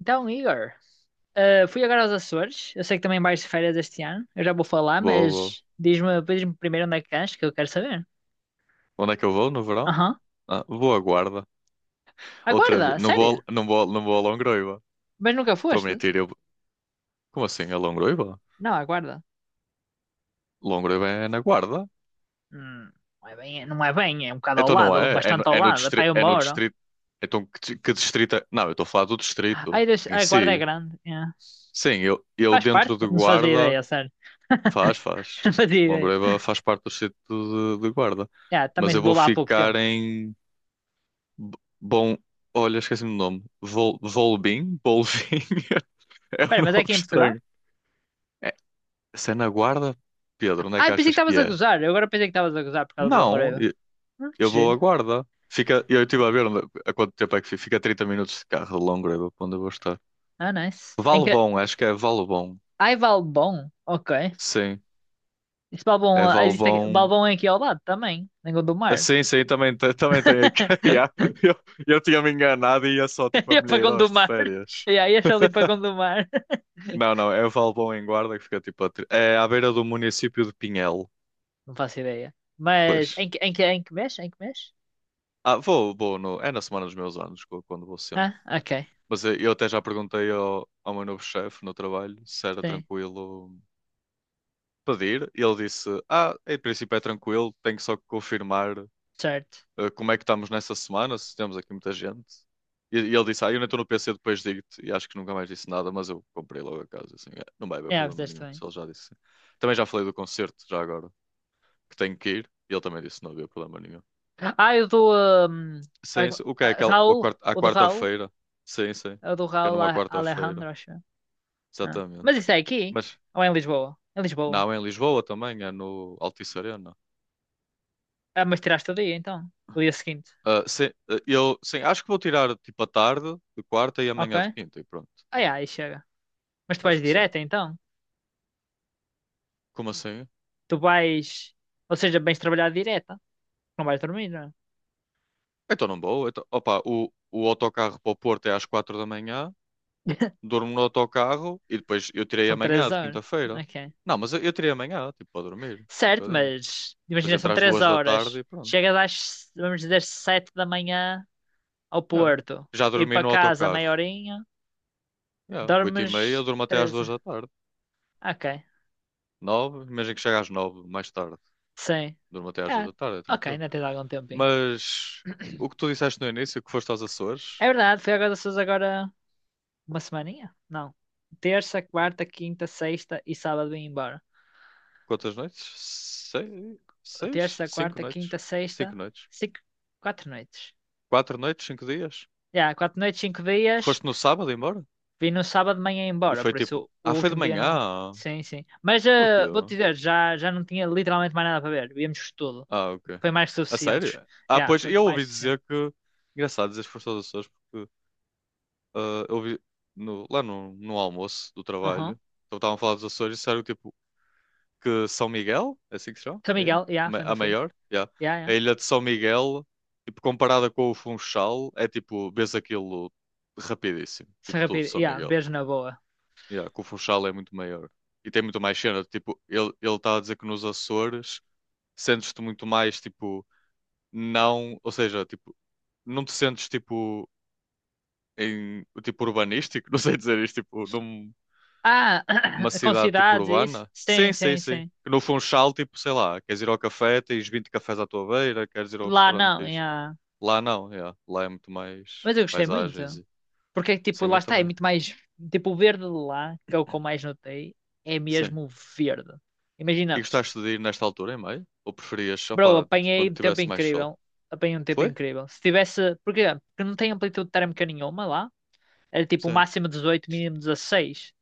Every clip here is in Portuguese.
Então, Igor, fui agora aos Açores. Eu sei que também vais de férias este ano. Eu já vou falar, Vou, vou. mas diz-me, diz-me primeiro onde é que cães, que eu quero saber. Onde é que eu vou no verão? Aham. Ah, vou à Guarda. Outra vez. Aguarda, Não sério? vou, não vou, não vou a Longroiva. Mas nunca Estou a foste? mentir. Eu... Como assim a Longroiva? Não, aguarda. Longroiva é na Guarda. Hum, não é bem, é um bocado ao Então não lado, é? Bastante ao lado. Epá, Distrito eu é no moro. distrito. Então que distrito é? Não, eu estou a falar do Ai, distrito deixa, em a guarda é si. grande. É. Sim, eu Faz parte, dentro de não se fazia Guarda. ideia, sério. Faz, faz. Não fazia ideia. Longroiva faz parte do distrito de Guarda. Yeah, também Mas eu vou vou lá há pouco ficar tempo. em. Bom. Olha, esqueci-me do nome. Vol... Volbim? Bolvim? É Espera, um mas é nome aqui em Portugal? estranho. É, se é na Guarda? Pedro, onde é Ai, que pensei que achas que estavas a é? gozar. Eu agora pensei que estavas a gozar por causa de Não, Longoreiva. eu Que eu vou à giro. Guarda. Fica, eu estive a ver onde- a quanto tempo é que fica. Fica 30 minutos de carro de Longreva, para onde eu vou estar. Ah, nice. Valbom, acho que é Valbom. Ai, Valbom? Ok. Sim, Esse Valbom, é existe aqui, Valbom. Valbom é aqui ao lado também, em Ah, Gondomar. sim, sim, também, também tem aqui. Yeah. Eu, eu tinha-me enganado e ia só tipo E a é para Milheiros de Gondomar. férias. E aí, acho ali para Gondomar. Não, não, é Valbom em Guarda que fica tipo é à beira do município de Pinhel. Não faço ideia. Pois, Mas em que mês? Em que mês? ah, vou, vou no, é na semana dos meus anos, quando vou sempre. Ah, ok. Mas eu até já perguntei ao meu novo chefe no trabalho se era Sim, tranquilo pedir. E ele disse: Ah, em princípio é tranquilo, tenho só que confirmar certo. Como é que estamos nessa semana, se temos aqui muita gente. E ele disse: Ah, eu não estou no PC, depois digo-te. E acho que nunca mais disse nada, mas eu comprei logo a casa. Assim, "É, não vai haver É, problema fizeste nenhum, bem. se ele já disse. Também já falei do concerto, já agora, que tenho que ir. E ele também disse: Não havia problema nenhum. Ah, eu do hum, ai, Sim, sim. O que é aquela? a Raul. quar- à O do Raul. quarta-feira. Sim, sim. É o do Que é Raul numa A- quarta-feira. Alejandro, acho. Ah. Exatamente. Mas isso é aqui? Mas Ou é em Lisboa? Em Lisboa. não, é em Lisboa também, é no Altice Arena. Ah, mas tiraste o dia então. O dia seguinte. Ah, sim, ah, eu sim, acho que vou tirar tipo a tarde de quarta e Ok. amanhã de quinta e pronto. Ah, yeah, aí chega. Mas tu vais Acho que sim. direta então? Como assim? Tu vais. Ou seja, vais trabalhar direta. Não vais dormir, não? é? Então não vou. Então, opa, o autocarro para o Porto é às 4 da manhã, durmo no autocarro e depois eu tirei São três amanhã de horas. quinta-feira. Ok. Não, mas eu tirei amanhã, tipo, para dormir, um Certo, bocadinho. mas Depois imagina, entre são às três 2 da tarde horas. e pronto. Chegas às, vamos dizer, 7 da manhã ao Yeah. Porto. Já Ir dormi para no casa autocarro. meia horinha. Yeah. 8h30, eu Dormes durmo até às 13. 2 da tarde. Ok. Nove, imagina que chega às 9 mais tarde. Sim. Durmo até às Ah, 2 da tarde, é ok, tranquilo. ainda tens algum tempinho. Mas o que tu disseste no início, que foste aos Açores, É verdade, foi agora vocês agora uma semaninha? Não. Terça, quarta, quinta, sexta e sábado vim embora. quantas noites? 6? Seis Terça, 5 quarta, noites. quinta, sexta, 5 noites. cinco, 4 noites. 4 noites, 5 dias. Já, quatro noites, 5 dias. Foste no sábado embora? Vim no sábado de manhã E embora, foi por tipo, isso o ah, foi de último dia não. manhã. Sim, sim. Mas Porquê? vou-te dizer, já não tinha literalmente mais nada para ver. Víamos tudo. Ah, ok. Foi mais que A sério? suficientes. Ah, Já, pois foi eu mais ouvi que suficiente. dizer que. Engraçado dizer que foste aos Açores, porque ah, eu vi lá no almoço do Aham. trabalho, então estavam a falar dos Açores e disseram tipo, que São Miguel, é assim que se chama? São A ilha? Miguel, A já, ma- foi ainda a fui. maior? Yeah. Já, A já. ilha de São Miguel, tipo, comparada com o Funchal, é tipo, vês aquilo rapidíssimo, tipo, Serra tudo Pira, São já, Miguel. beijo na boa. Yeah, que o Funchal é muito maior. E tem muito mais cena, tipo, ele estava a dizer que nos Açores sentes-te muito mais, tipo, não, ou seja, tipo, não te sentes, tipo, em, tipo, urbanístico, não sei dizer isto, tipo, não. Ah, Numa com cidade tipo cidades, e isso? urbana? Sim, Sim, sim, sim, sim. sim. Que no Funchal, tipo, sei lá, queres ir ao café, tens 20 cafés à tua beira, queres ir ao Lá restaurante, não, tens... já. Lá não, yeah. Lá é muito mais Mas eu gostei paisagens. muito. E- Porque, tipo, Sim, lá eu está, é também. muito mais. Tipo, o verde de lá, que é o que eu mais notei, é Sim. mesmo verde. E Imagina, gostaste de ir nesta altura, em maio? Ou preferias, bro, opá, apanhei quando um tempo tivesse mais sol? incrível. Apanhei um tempo Foi? incrível. Se tivesse. Porquê? Porque não tem amplitude térmica nenhuma lá. Era tipo o Sim. máximo 18, mínimo 16.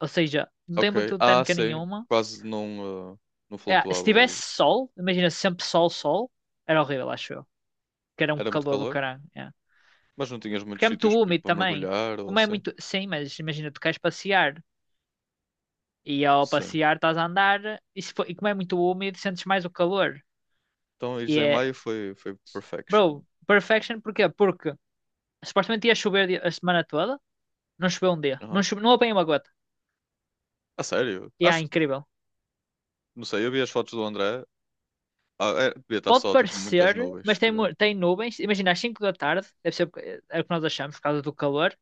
Ou seja, não tem Ok. amplitude Ah, térmica sim. nenhuma. Quase não, ah, não É, se flutuava. tivesse O- sol, imagina sempre sol, sol, era horrível, acho eu. Que era um Era muito calor do calor, caralho. É. mas não tinhas Porque muitos é muito sítios, tipo, úmido para também. mergulhar ou Como é assim. muito. Sim, mas imagina, tu queres passear. E ao Sim. passear estás a andar e, se for- e como é muito úmido sentes mais o calor. Então, E ires em é, maio foi, bro, perfection. perfection porquê? Porque supostamente ia chover a semana toda, não choveu um dia, não, Aham. chove, não apanhei uma gota. A sério? E é Acho. incrível. Não sei, eu vi as fotos do André. Ah, é, devia estar Pode só, tipo, muitas parecer, nuvens, mas se tem, calhar. mu- tem nuvens, imagina às 5 da tarde, deve ser é o que nós achamos por causa do calor,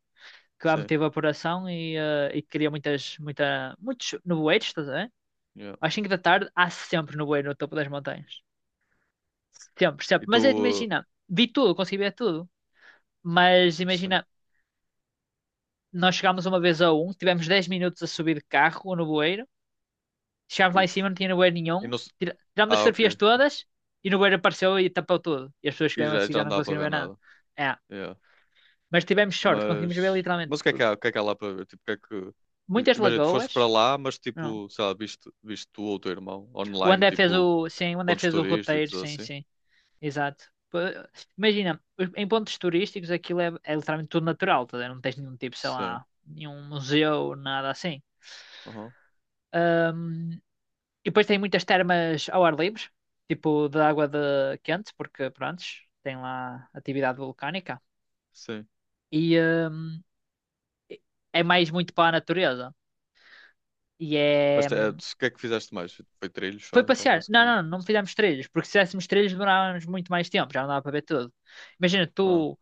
que lá Sim, meteu evaporação e cria muitas, muita, muitos nevoeiros, estás a ver? yeah. Às 5 da tarde há sempre nevoeiro no topo das montanhas. Sempre, sempre. E tu... Mas é de imagina, vi tudo, consegui ver tudo. Mas imagina, Sim, nós chegámos uma vez a um, tivemos 10 minutos a subir de carro no bueiro. Chegámos lá em cima, uff. não tinha bueiro E nenhum. não... se- Tirámos as Ah, ok. fotografias todas e no bueiro apareceu e tapou tudo. E as pessoas que E vieram já, assim já já não não dá para conseguiram ver ver nada. nada. É. Yeah. Mas tivemos sorte, conseguimos ver Mas... literalmente Mas o que é que tudo. há, o que é que há lá para ver? Tipo, o que é que... I- Muitas Imagina, tu foste para lagoas. lá, mas Não. tipo, sei lá, viste tu ou o teu irmão O online, André fez tipo, o. Sim, o André pontos fez o roteiro, turísticos ou sim, assim? sim. Exato. Pô, imagina, em pontos turísticos aquilo é literalmente tudo natural, tá? A ver? Não tens nenhum tipo, sei Sim. lá, nenhum museu, nada assim. Uhum. E depois tem muitas termas ao ar livre, tipo de água de quente, porque pronto, tem lá atividade vulcânica. Sim. E é mais muito para a natureza. E Mas é. O que é que fizeste mais? Foi trilhos Foi só, então, passear. Não, basicamente. não, não fizemos trilhos, porque se fizéssemos trilhos demorávamos muito mais tempo, já não dava para ver tudo. Imagina, Ah, tu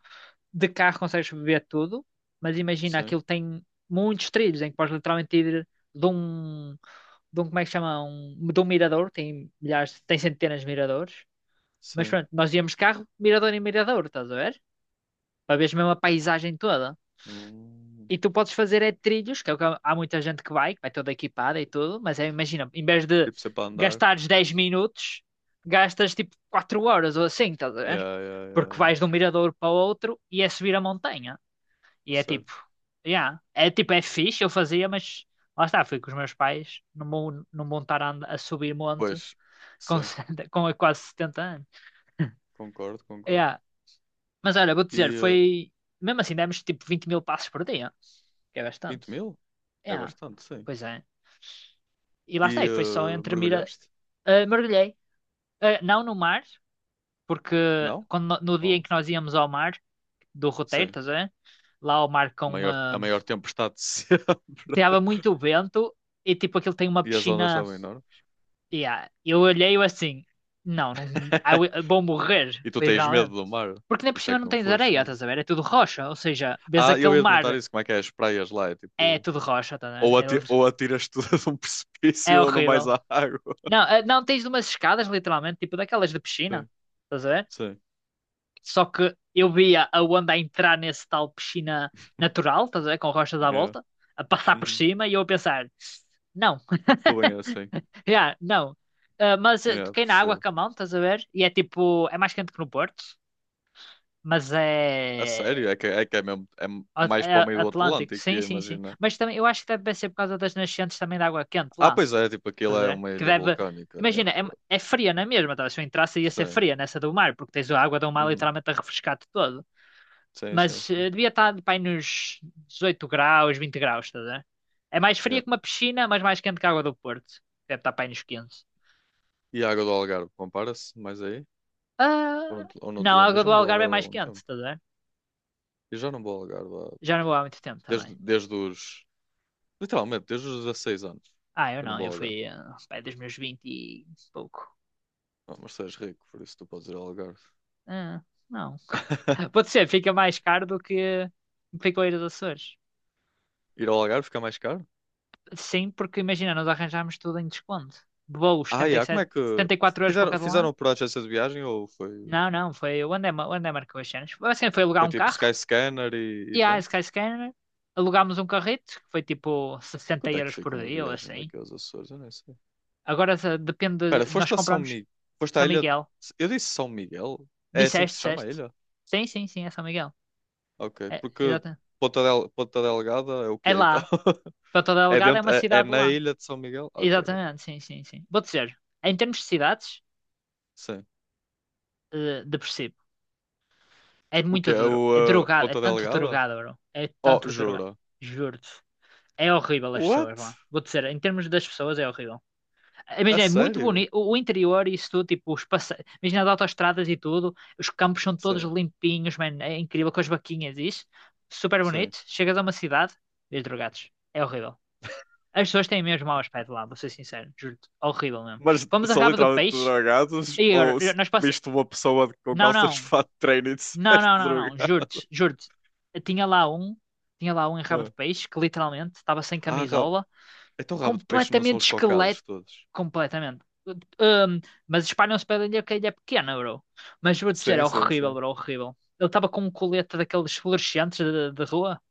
de carro consegues ver tudo, mas imagina sim, aquilo tem muitos trilhos em que podes literalmente ir de um, de um, como é que chama? Um, de um mirador, tem milhares, tem centenas de miradores. Mas sim. pronto, nós íamos carro, mirador em mirador, estás a ver? Para veres mesmo a paisagem toda. Hum. E tu podes fazer é trilhos, que é o que há muita gente que vai toda equipada e tudo, mas é, imagina, em vez de Tipo, sempre a andar. gastares 10 minutos, gastas tipo 4 horas ou assim, estás a Yeah, ver? yeah, yeah, Porque yeah. vais de um mirador para o outro e é subir a montanha. E é Certo. tipo, yeah, é tipo, é fixe, eu fazia, mas lá está, fui com os meus pais, não vão estar a subir monte Pois, com, sim, com quase 70 anos. concordo, concordo. Yeah, mas olha, vou-te dizer, E foi. Mesmo assim, demos tipo 20 mil passos por dia, que é 20 bastante. mil? É, É bastante, sim. pois é. E lá E está, e foi só entre mira. mergulhaste? Mergulhei. Ah, não no mar, porque Não? quando, no dia em Oh, que nós íamos ao mar, do roteiro, sim. estás a ver? Lá ao mar com. Maior, a maior tempestade de sempre. Tava muito vento e tipo aquilo tem uma E as ondas piscina. estavam enormes. Yeah. Eu olhei eu assim, não, não, vou morrer, E tu tens medo literalmente. do mar, Porque nem por por isso é cima que não não tens foste areia, mesmo. estás a ver? É tudo rocha, ou seja, vês Ah, eu aquele ia te perguntar mar. isso, como é que é as praias lá? É É tipo, tudo rocha, tá, né? É ou atiras tudo de um É precipício ou não vais horrível. à água. Não, não, tens umas escadas, literalmente, tipo daquelas de piscina. Sim, Estás a ver? sim. Só que eu via a onda a entrar nesse tal piscina natural, estás a ver? Com rochas à Yeah. volta, a passar por Uhum. cima e eu a pensar, não, Estou bem é assim. yeah, não. Mas Yeah, toquei na água percebo. com a mão, estás a ver? E é tipo, é mais quente que no Porto, mas A é. sério? É que é mesmo. É a- mais é para o meio do Atlântico, Atlântico, sim, ia sim, sim. imaginar. Mas também, eu acho que deve ser por causa das nascentes também da água quente Ah, lá. pois é, tipo, aquilo Estás a é ver? uma Que ilha deve. vulcânica. Yeah, Imagina, é, claro. é fria na mesma, tá? Se eu entrasse ia ser Sim. fria nessa do mar, porque tens a água do mar Uhum. literalmente a refrescar-te todo. Sim, sim, Mas sim. Devia estar pá, aí nos 18 graus, 20 graus, estás a ver? É mais fria Yeah. que uma piscina, mas mais quente que a água do Porto. Deve estar pá, aí nos 15. E a água do Algarve, compara-se mais aí? Ou Ah, não te, ou não te não, a lembro? Eu água já do não vou ao Algarve é Algarve há mais algum quente, tempo. estás a ver? Eu já não vou ao Algarve há- Já não vou há muito tempo também. desde os. Literalmente, desde os 16 anos, Ah, eu que eu não não, vou eu ao Algarve. fui pá, dos meus 20 e pouco. Ah, mas tu és rico, por isso tu podes ir ao Algarve. Ah, não. Pode ser, fica mais caro do que ficou a ir dos Açores. Ir ao Algarve fica mais caro? Sim, porque imagina, nós arranjámos tudo em desconto. Voos, Ah, yeah, como 77, é que. 74 € para Fizeram, cada lado. fizeram por agência de viagem ou foi. Não, não, foi o André, o André marcou as cenas. Assim, foi alugar Foi um tipo carro Skyscanner e e a pronto. Skyscanner. Alugámos um carrito, que foi tipo 60 Quanto é que euros por fica uma dia ou viagem assim. daqui aos Açores? Eu nem sei. Agora depende, Pera nós foste a São compramos Miguel. Foste à São ilha. De- Miguel. Eu disse São Miguel? É assim que Disseste, se chama a disseste. ilha? Sim, sim, sim, é São Miguel. Ok, É, porque. exatamente. Ponta Delgada é o É quê então? lá. Para toda É, Algada é dentro... uma é cidade na lá. ilha de São Miguel? Ok, ok. Exatamente, sim, sim, sim. Vou dizer, em termos de cidades, Sim. Depressivo. É O quê? muito É duro. É o drogado. É Ponta tanto Delgada? drogado, bro. É Oh, tanto drogado. jura. Juro-te. É horrível as What? pessoas lá. Vou dizer, em termos das pessoas, é horrível. A Imagina, é muito sério? bonito. O interior e isso tudo, tipo, os passe... Imagina as autoestradas e tudo. Os campos são todos Sim, limpinhos, mano. É incrível com as vaquinhas e isso. Super sim. bonito. Chegas a uma cidade, vês drogados. É horrível. As pessoas têm mesmo mau aspecto lá, vou ser sincero. Juro-te. Horrível mesmo. Mas Vamos a são Rabo do literalmente Peixe. drogados E agora, ou s- nós passamos. Viste uma pessoa de- com Não, calças de não. fato de treino e Não, disseste não, não, não. drogado? Juro-te, juro-te. Eu tinha lá um em rabo de peixe que literalmente estava sem Ah, rabo. camisola, Então rabo de peixe não são completamente os esqueleto. cocados todos. Completamente. Hum, mas espalham-se pela ilha que a ilha é pequena, bro. Mas vou dizer, é Sim, sim, horrível, sim. bro, horrível. Ele estava com um colete daqueles fluorescentes de rua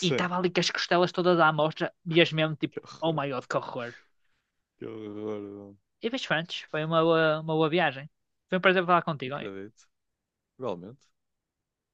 e estava ali com as costelas todas à mostra e as mesmo Que tipo, oh horror. my god, que horror. Que horror, mano. E vejo Frantes, foi uma boa viagem. Foi um prazer falar contigo. Acredito. Realmente.